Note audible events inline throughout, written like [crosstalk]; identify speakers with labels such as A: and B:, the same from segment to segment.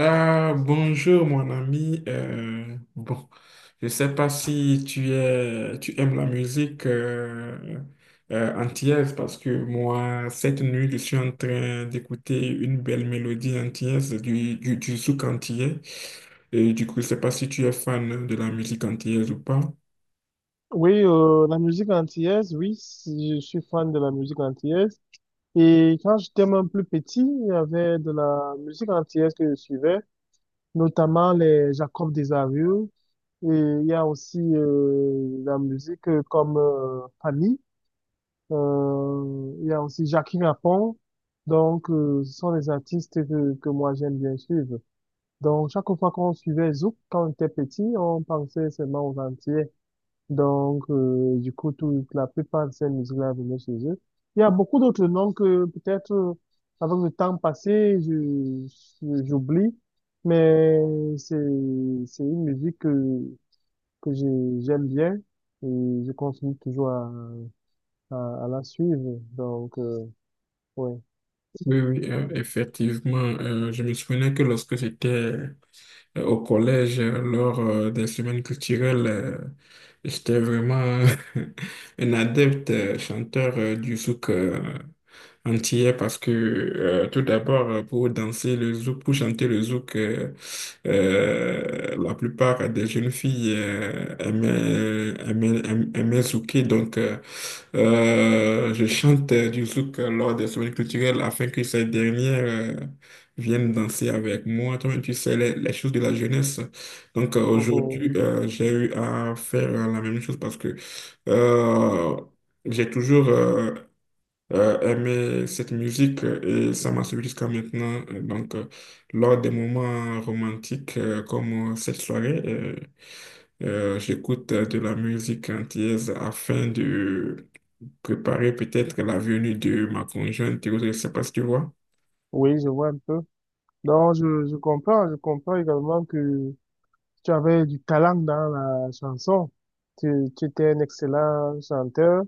A: Ah, bonjour mon ami. Je sais pas si tu aimes la musique antillaise parce que moi, cette nuit, je suis en train d'écouter une belle mélodie antillaise du zouk antillais. Et du coup, je sais pas si tu es fan de la musique antillaise ou pas.
B: Oui, la musique antillaise, oui, je suis fan de la musique antillaise. Et quand j'étais même plus petit, il y avait de la musique antillaise que je suivais, notamment les Jacob Desarieux. Et il y a aussi la musique comme Fanny. Il y a aussi Jackie Rapon. Donc, ce sont des artistes que moi j'aime bien suivre. Donc, chaque fois qu'on suivait Zouk, quand on était petit, on pensait seulement aux Antillais. Donc, du coup, toute la plupart de ces musiques-là venaient chez eux. Il y a beaucoup d'autres noms que peut-être, avec le temps passé, j'oublie, mais c'est, c'est une musique que j'aime bien et je continue toujours à la suivre. Donc, ouais.
A: Oui, oui, effectivement. Je me souvenais que lorsque j'étais au collège, lors des semaines culturelles, j'étais vraiment [laughs] un adepte chanteur du souk entière parce que tout d'abord, pour danser le zouk, pour chanter le zouk, la plupart des jeunes filles aimaient zouker. Donc, je chante du zouk lors des semaines culturelles afin que ces dernières viennent danser avec moi. Toi-même, tu sais, les choses de la jeunesse. Donc, aujourd'hui,
B: Mhm.
A: j'ai eu à faire la même chose parce que euh, j'ai toujours aimer cette musique et ça m'a suivi jusqu'à maintenant. Donc, lors des moments romantiques comme cette soirée, j'écoute de la musique antillaise afin de préparer peut-être la venue de ma conjointe et autres. Je ne sais pas si tu vois.
B: Oui, je vois un peu. Donc, je comprends également que tu avais du talent dans la chanson. Tu, tu étais un excellent chanteur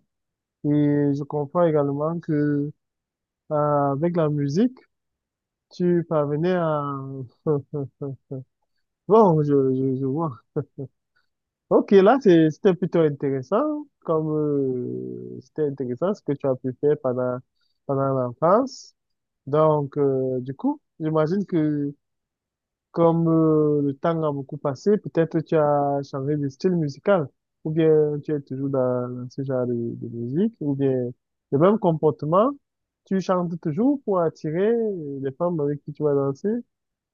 B: et je comprends également que avec la musique, tu parvenais à... [laughs] Bon, je vois. Ok, là, c'était plutôt intéressant, comme c'était intéressant ce que tu as pu faire pendant, pendant l'enfance. Donc, du coup, j'imagine que comme le temps a beaucoup passé, peut-être tu as changé de style musical, ou bien tu es toujours dans ce genre de musique, ou bien le même comportement, tu chantes toujours pour attirer les femmes avec qui tu vas danser,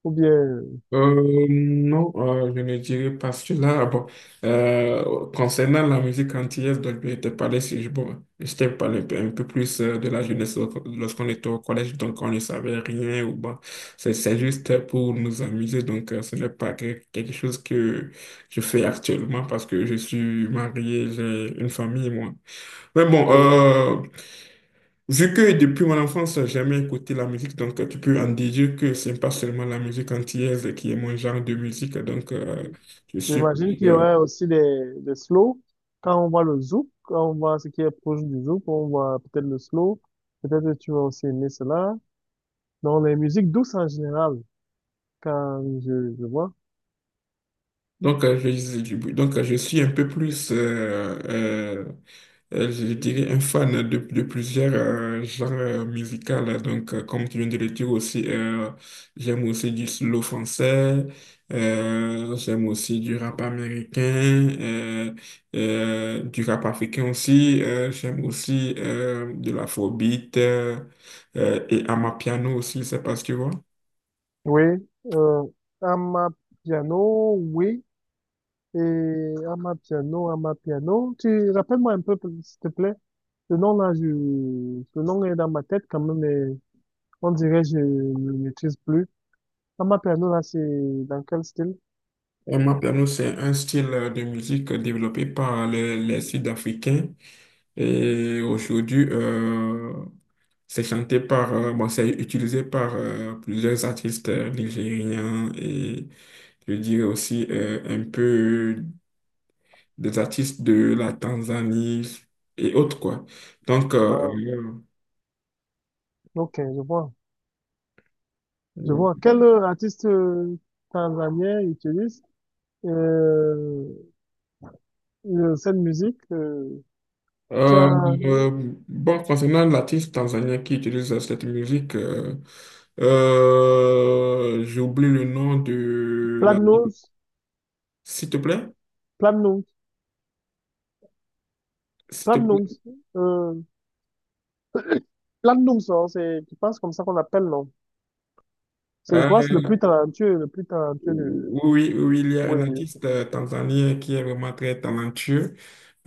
B: ou bien,
A: Non, je ne dirais pas cela. Ah bon, concernant la musique antillaise dont je te parlais, si je, bon, je t'ai parlé un peu plus de la jeunesse lorsqu'on était au collège, donc on ne savait rien. Ou bon, c'est juste pour nous amuser, donc ce n'est pas quelque chose que je fais actuellement parce que je suis marié, j'ai une famille, moi. Mais bon,
B: oui.
A: vu que depuis mon enfance, j'ai jamais écouté la musique, donc tu peux en déduire que c'est pas seulement la musique antillaise qui est mon genre de musique. Donc, je suis.
B: J'imagine qu'il y aurait aussi des slow. Quand on voit le zouk, quand on voit ce qui est proche du zouk, on voit peut-être le slow, peut-être tu vas aussi aimer cela. Donc les musiques douces en général, quand je vois.
A: Donc, je suis un peu plus, je dirais, un fan de plusieurs genres musicaux. Là. Donc, comme tu viens de le dire aussi, j'aime aussi du slow français, j'aime aussi du rap américain, du rap africain aussi, j'aime aussi de l'afrobeat et amapiano aussi, c'est parce que tu vois.
B: Oui, euh, Amapiano, oui, et Amapiano, Amapiano. Tu rappelles-moi un peu, s'il te plaît. Le nom là, je, le nom est dans ma tête quand même, mais on dirait que je ne le maîtrise plus. Amapiano là, c'est dans quel style?
A: Et moi, piano, c'est un style de musique développé par les Sud-Africains. Et aujourd'hui, c'est chanté par, c'est utilisé par plusieurs artistes nigériens et je dirais aussi un peu des artistes de la Tanzanie et autres, quoi. Donc,
B: Ah, ok, je vois. Je
A: euh,
B: vois. Quel artiste tanzanien utilise euh, cette musique? Tu
A: Euh,
B: as
A: concernant l'artiste tanzanien qui utilise cette musique, j'oublie le nom de l'artiste.
B: Platinum,
A: S'il te plaît,
B: Platinum,
A: s'il te
B: Platinum.
A: plaît.
B: Plandum, ça, hein, c'est, je pense comme ça qu'on appelle, non? C'est, je
A: Euh,
B: crois, que c'est le plus talentueux de,
A: oui, oui, oui, il y a
B: oui,
A: un
B: oui,
A: artiste tanzanien qui est vraiment très talentueux.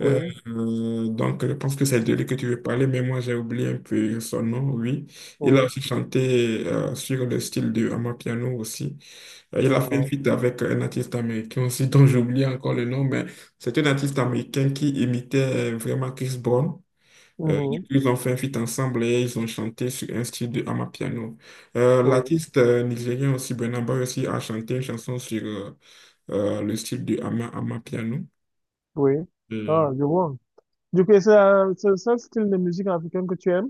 A: Euh, donc, je pense que c'est de lui que tu veux parler, mais moi, j'ai oublié un peu son nom, oui. Il a
B: oui,
A: aussi chanté sur le style de Amapiano aussi. Il a fait une
B: euh,
A: feat avec un artiste américain aussi, dont j'oublie encore le nom, mais c'est un artiste américain qui imitait vraiment Chris Brown. Du coup,
B: mhm,
A: ils ont fait un feat ensemble et ils ont chanté sur un style de Amapiano.
B: oui,
A: L'artiste nigérien aussi, Burna Boy aussi, a chanté une chanson sur le style de Amapiano.
B: oui. Ah, je vois. Du coup, c'est le seul style de musique africaine que tu aimes?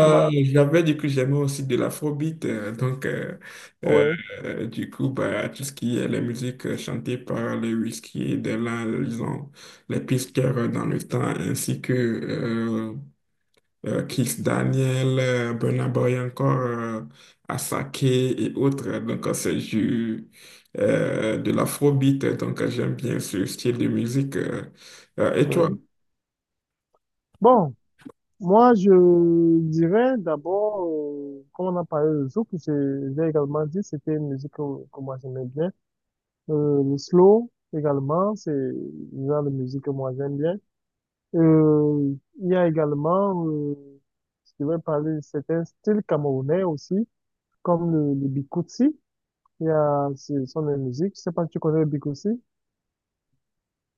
B: Ah, ma-
A: J'avais dit que j'aimais aussi de l'afrobeat, euh,
B: Oui,
A: du coup, bah, tout ce qui est la musique chantée par les whisky, de là, disons, les pisteurs dans le temps, ainsi que Kiss Daniel, Burna Boy encore, Asake et autres. Donc, c'est du, de l'afrobeat, donc j'aime bien ce style de musique. Et toi?
B: oui. Bon, moi, je dirais d'abord, comme on a parlé de Zouk, j'ai également dit, c'était une musique que moi j'aimais bien. Le slow, également, c'est le genre de musique que moi j'aime bien. Euh, il y a également, je vais parler de certains styles camerounais aussi, comme le bikutsi. Il y a, ce sont des musiques. Je sais pas si tu connais le bikutsi.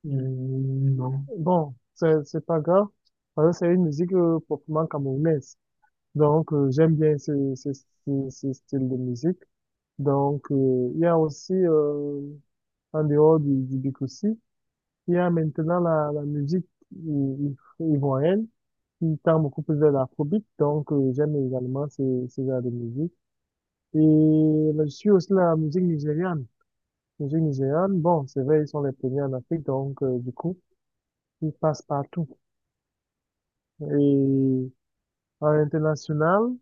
A: Hmm, non.
B: Bon, c'est pas grave, parce que c'est une musique proprement camerounaise. Donc, j'aime bien ce style de musique. Donc, il y a aussi, en dehors du bikutsi, il y a maintenant la musique i- ivoirienne qui tend beaucoup plus vers l'afrobeat. Donc, j'aime également ce, ce genre de musique. Et là, je suis aussi la musique nigériane. La musique nigériane, bon, c'est vrai, ils sont les premiers en Afrique, donc du coup, ils passent partout. Et à l'international,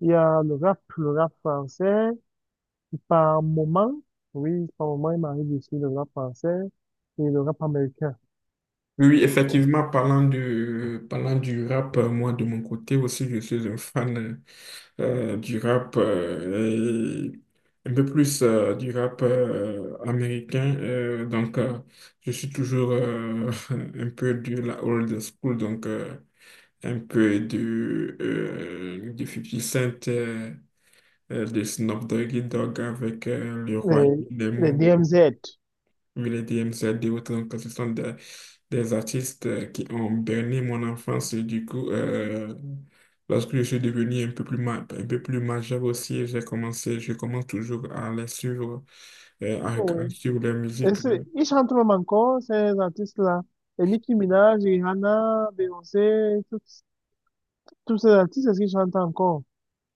B: il y a le rap français. Par moment, oui, par moment, il m'arrive aussi le rap français et le rap américain.
A: Oui,
B: Ouais.
A: effectivement, parlant du rap, moi de mon côté aussi, je suis un fan du rap, et un peu plus du rap américain. Donc, je suis toujours [laughs] un peu de la old school, donc un peu du 50 Cent, de Snoop Doggy Dogg avec le roi
B: Et
A: des
B: les
A: mots
B: DMZ.
A: l'EDM, c'est des autres, donc ce sont des artistes qui ont berné mon enfance. Et du coup, lorsque je suis devenu un peu plus, un peu plus majeur aussi, j'ai commencé, je commence toujours à les suivre, à
B: Oui.
A: regarder sur leur
B: Et
A: musique.
B: ils chantent même encore, ces artistes-là. Et Nicki Minaj, Rihanna, Beyoncé, tous tous ces artistes, est-ce qu'ils chantent encore?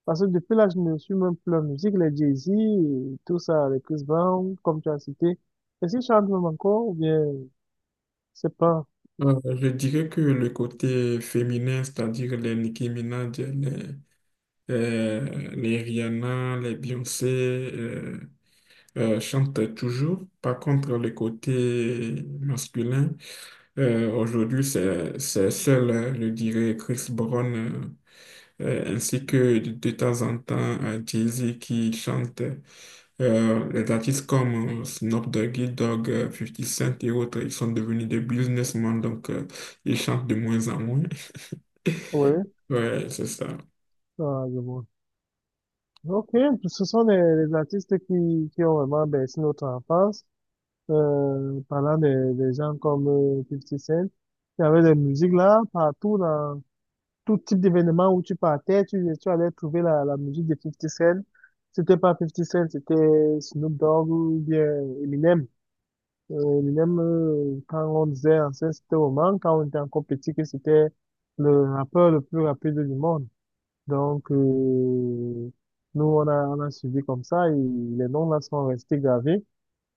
B: Parce que depuis là, je ne suis même plus la musique, les Jay-Z, et tout ça, les Chris Brown, comme tu as cité. Est-ce qu'ils chantent même encore ou bien, c'est pas.
A: Je dirais que le côté féminin, c'est-à-dire les Nicki Minaj, les Rihanna, les Beyoncé, chantent toujours. Par contre, le côté masculin, aujourd'hui, c'est seul, je dirais, Chris Brown, ainsi que de temps en temps Jay-Z qui chante. Les artistes comme Snoop Doggy Dogg, 50 Cent et autres, ils sont devenus des businessmen, donc ils chantent de moins en moins. [laughs]
B: Oui,
A: Ouais, c'est ça.
B: ah, je vois. Ok, ce sont les artistes qui ont vraiment bercé notre enfance. Parlant des gens comme 50 Cent, il y avait des musiques là, partout tout type d'événement où tu partais, tu allais trouver la musique de Fifty Cent. C'était pas Fifty Cent, c'était Snoop Dogg ou bien Eminem. Eminem, quand on disait ancien, c'était moment, quand on était encore petit, que c'était le rappeur le plus rapide du monde. Donc, nous, on on a suivi comme ça et les noms là sont restés gravés.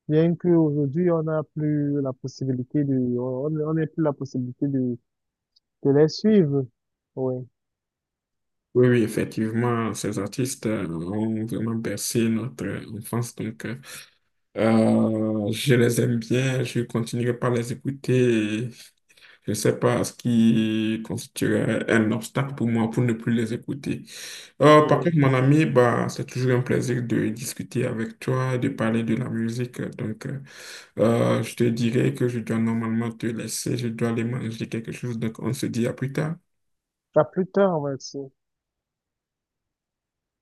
B: Bien qu'aujourd'hui, on n'a plus la possibilité de, on n'a plus la possibilité de les suivre. Oui.
A: Oui, oui, effectivement, ces artistes ont vraiment bercé notre enfance. Donc, je les aime bien, je continuerai par les écouter. Je ne sais pas ce qui constituerait un obstacle pour moi pour ne plus les écouter. Par contre, mon ami, bah, c'est toujours un plaisir de discuter avec toi, de parler de la musique. Donc, je te dirais que je dois normalement te laisser, je dois aller manger quelque chose. Donc, on se dit à plus tard.
B: À plus tard, ouais, c'est-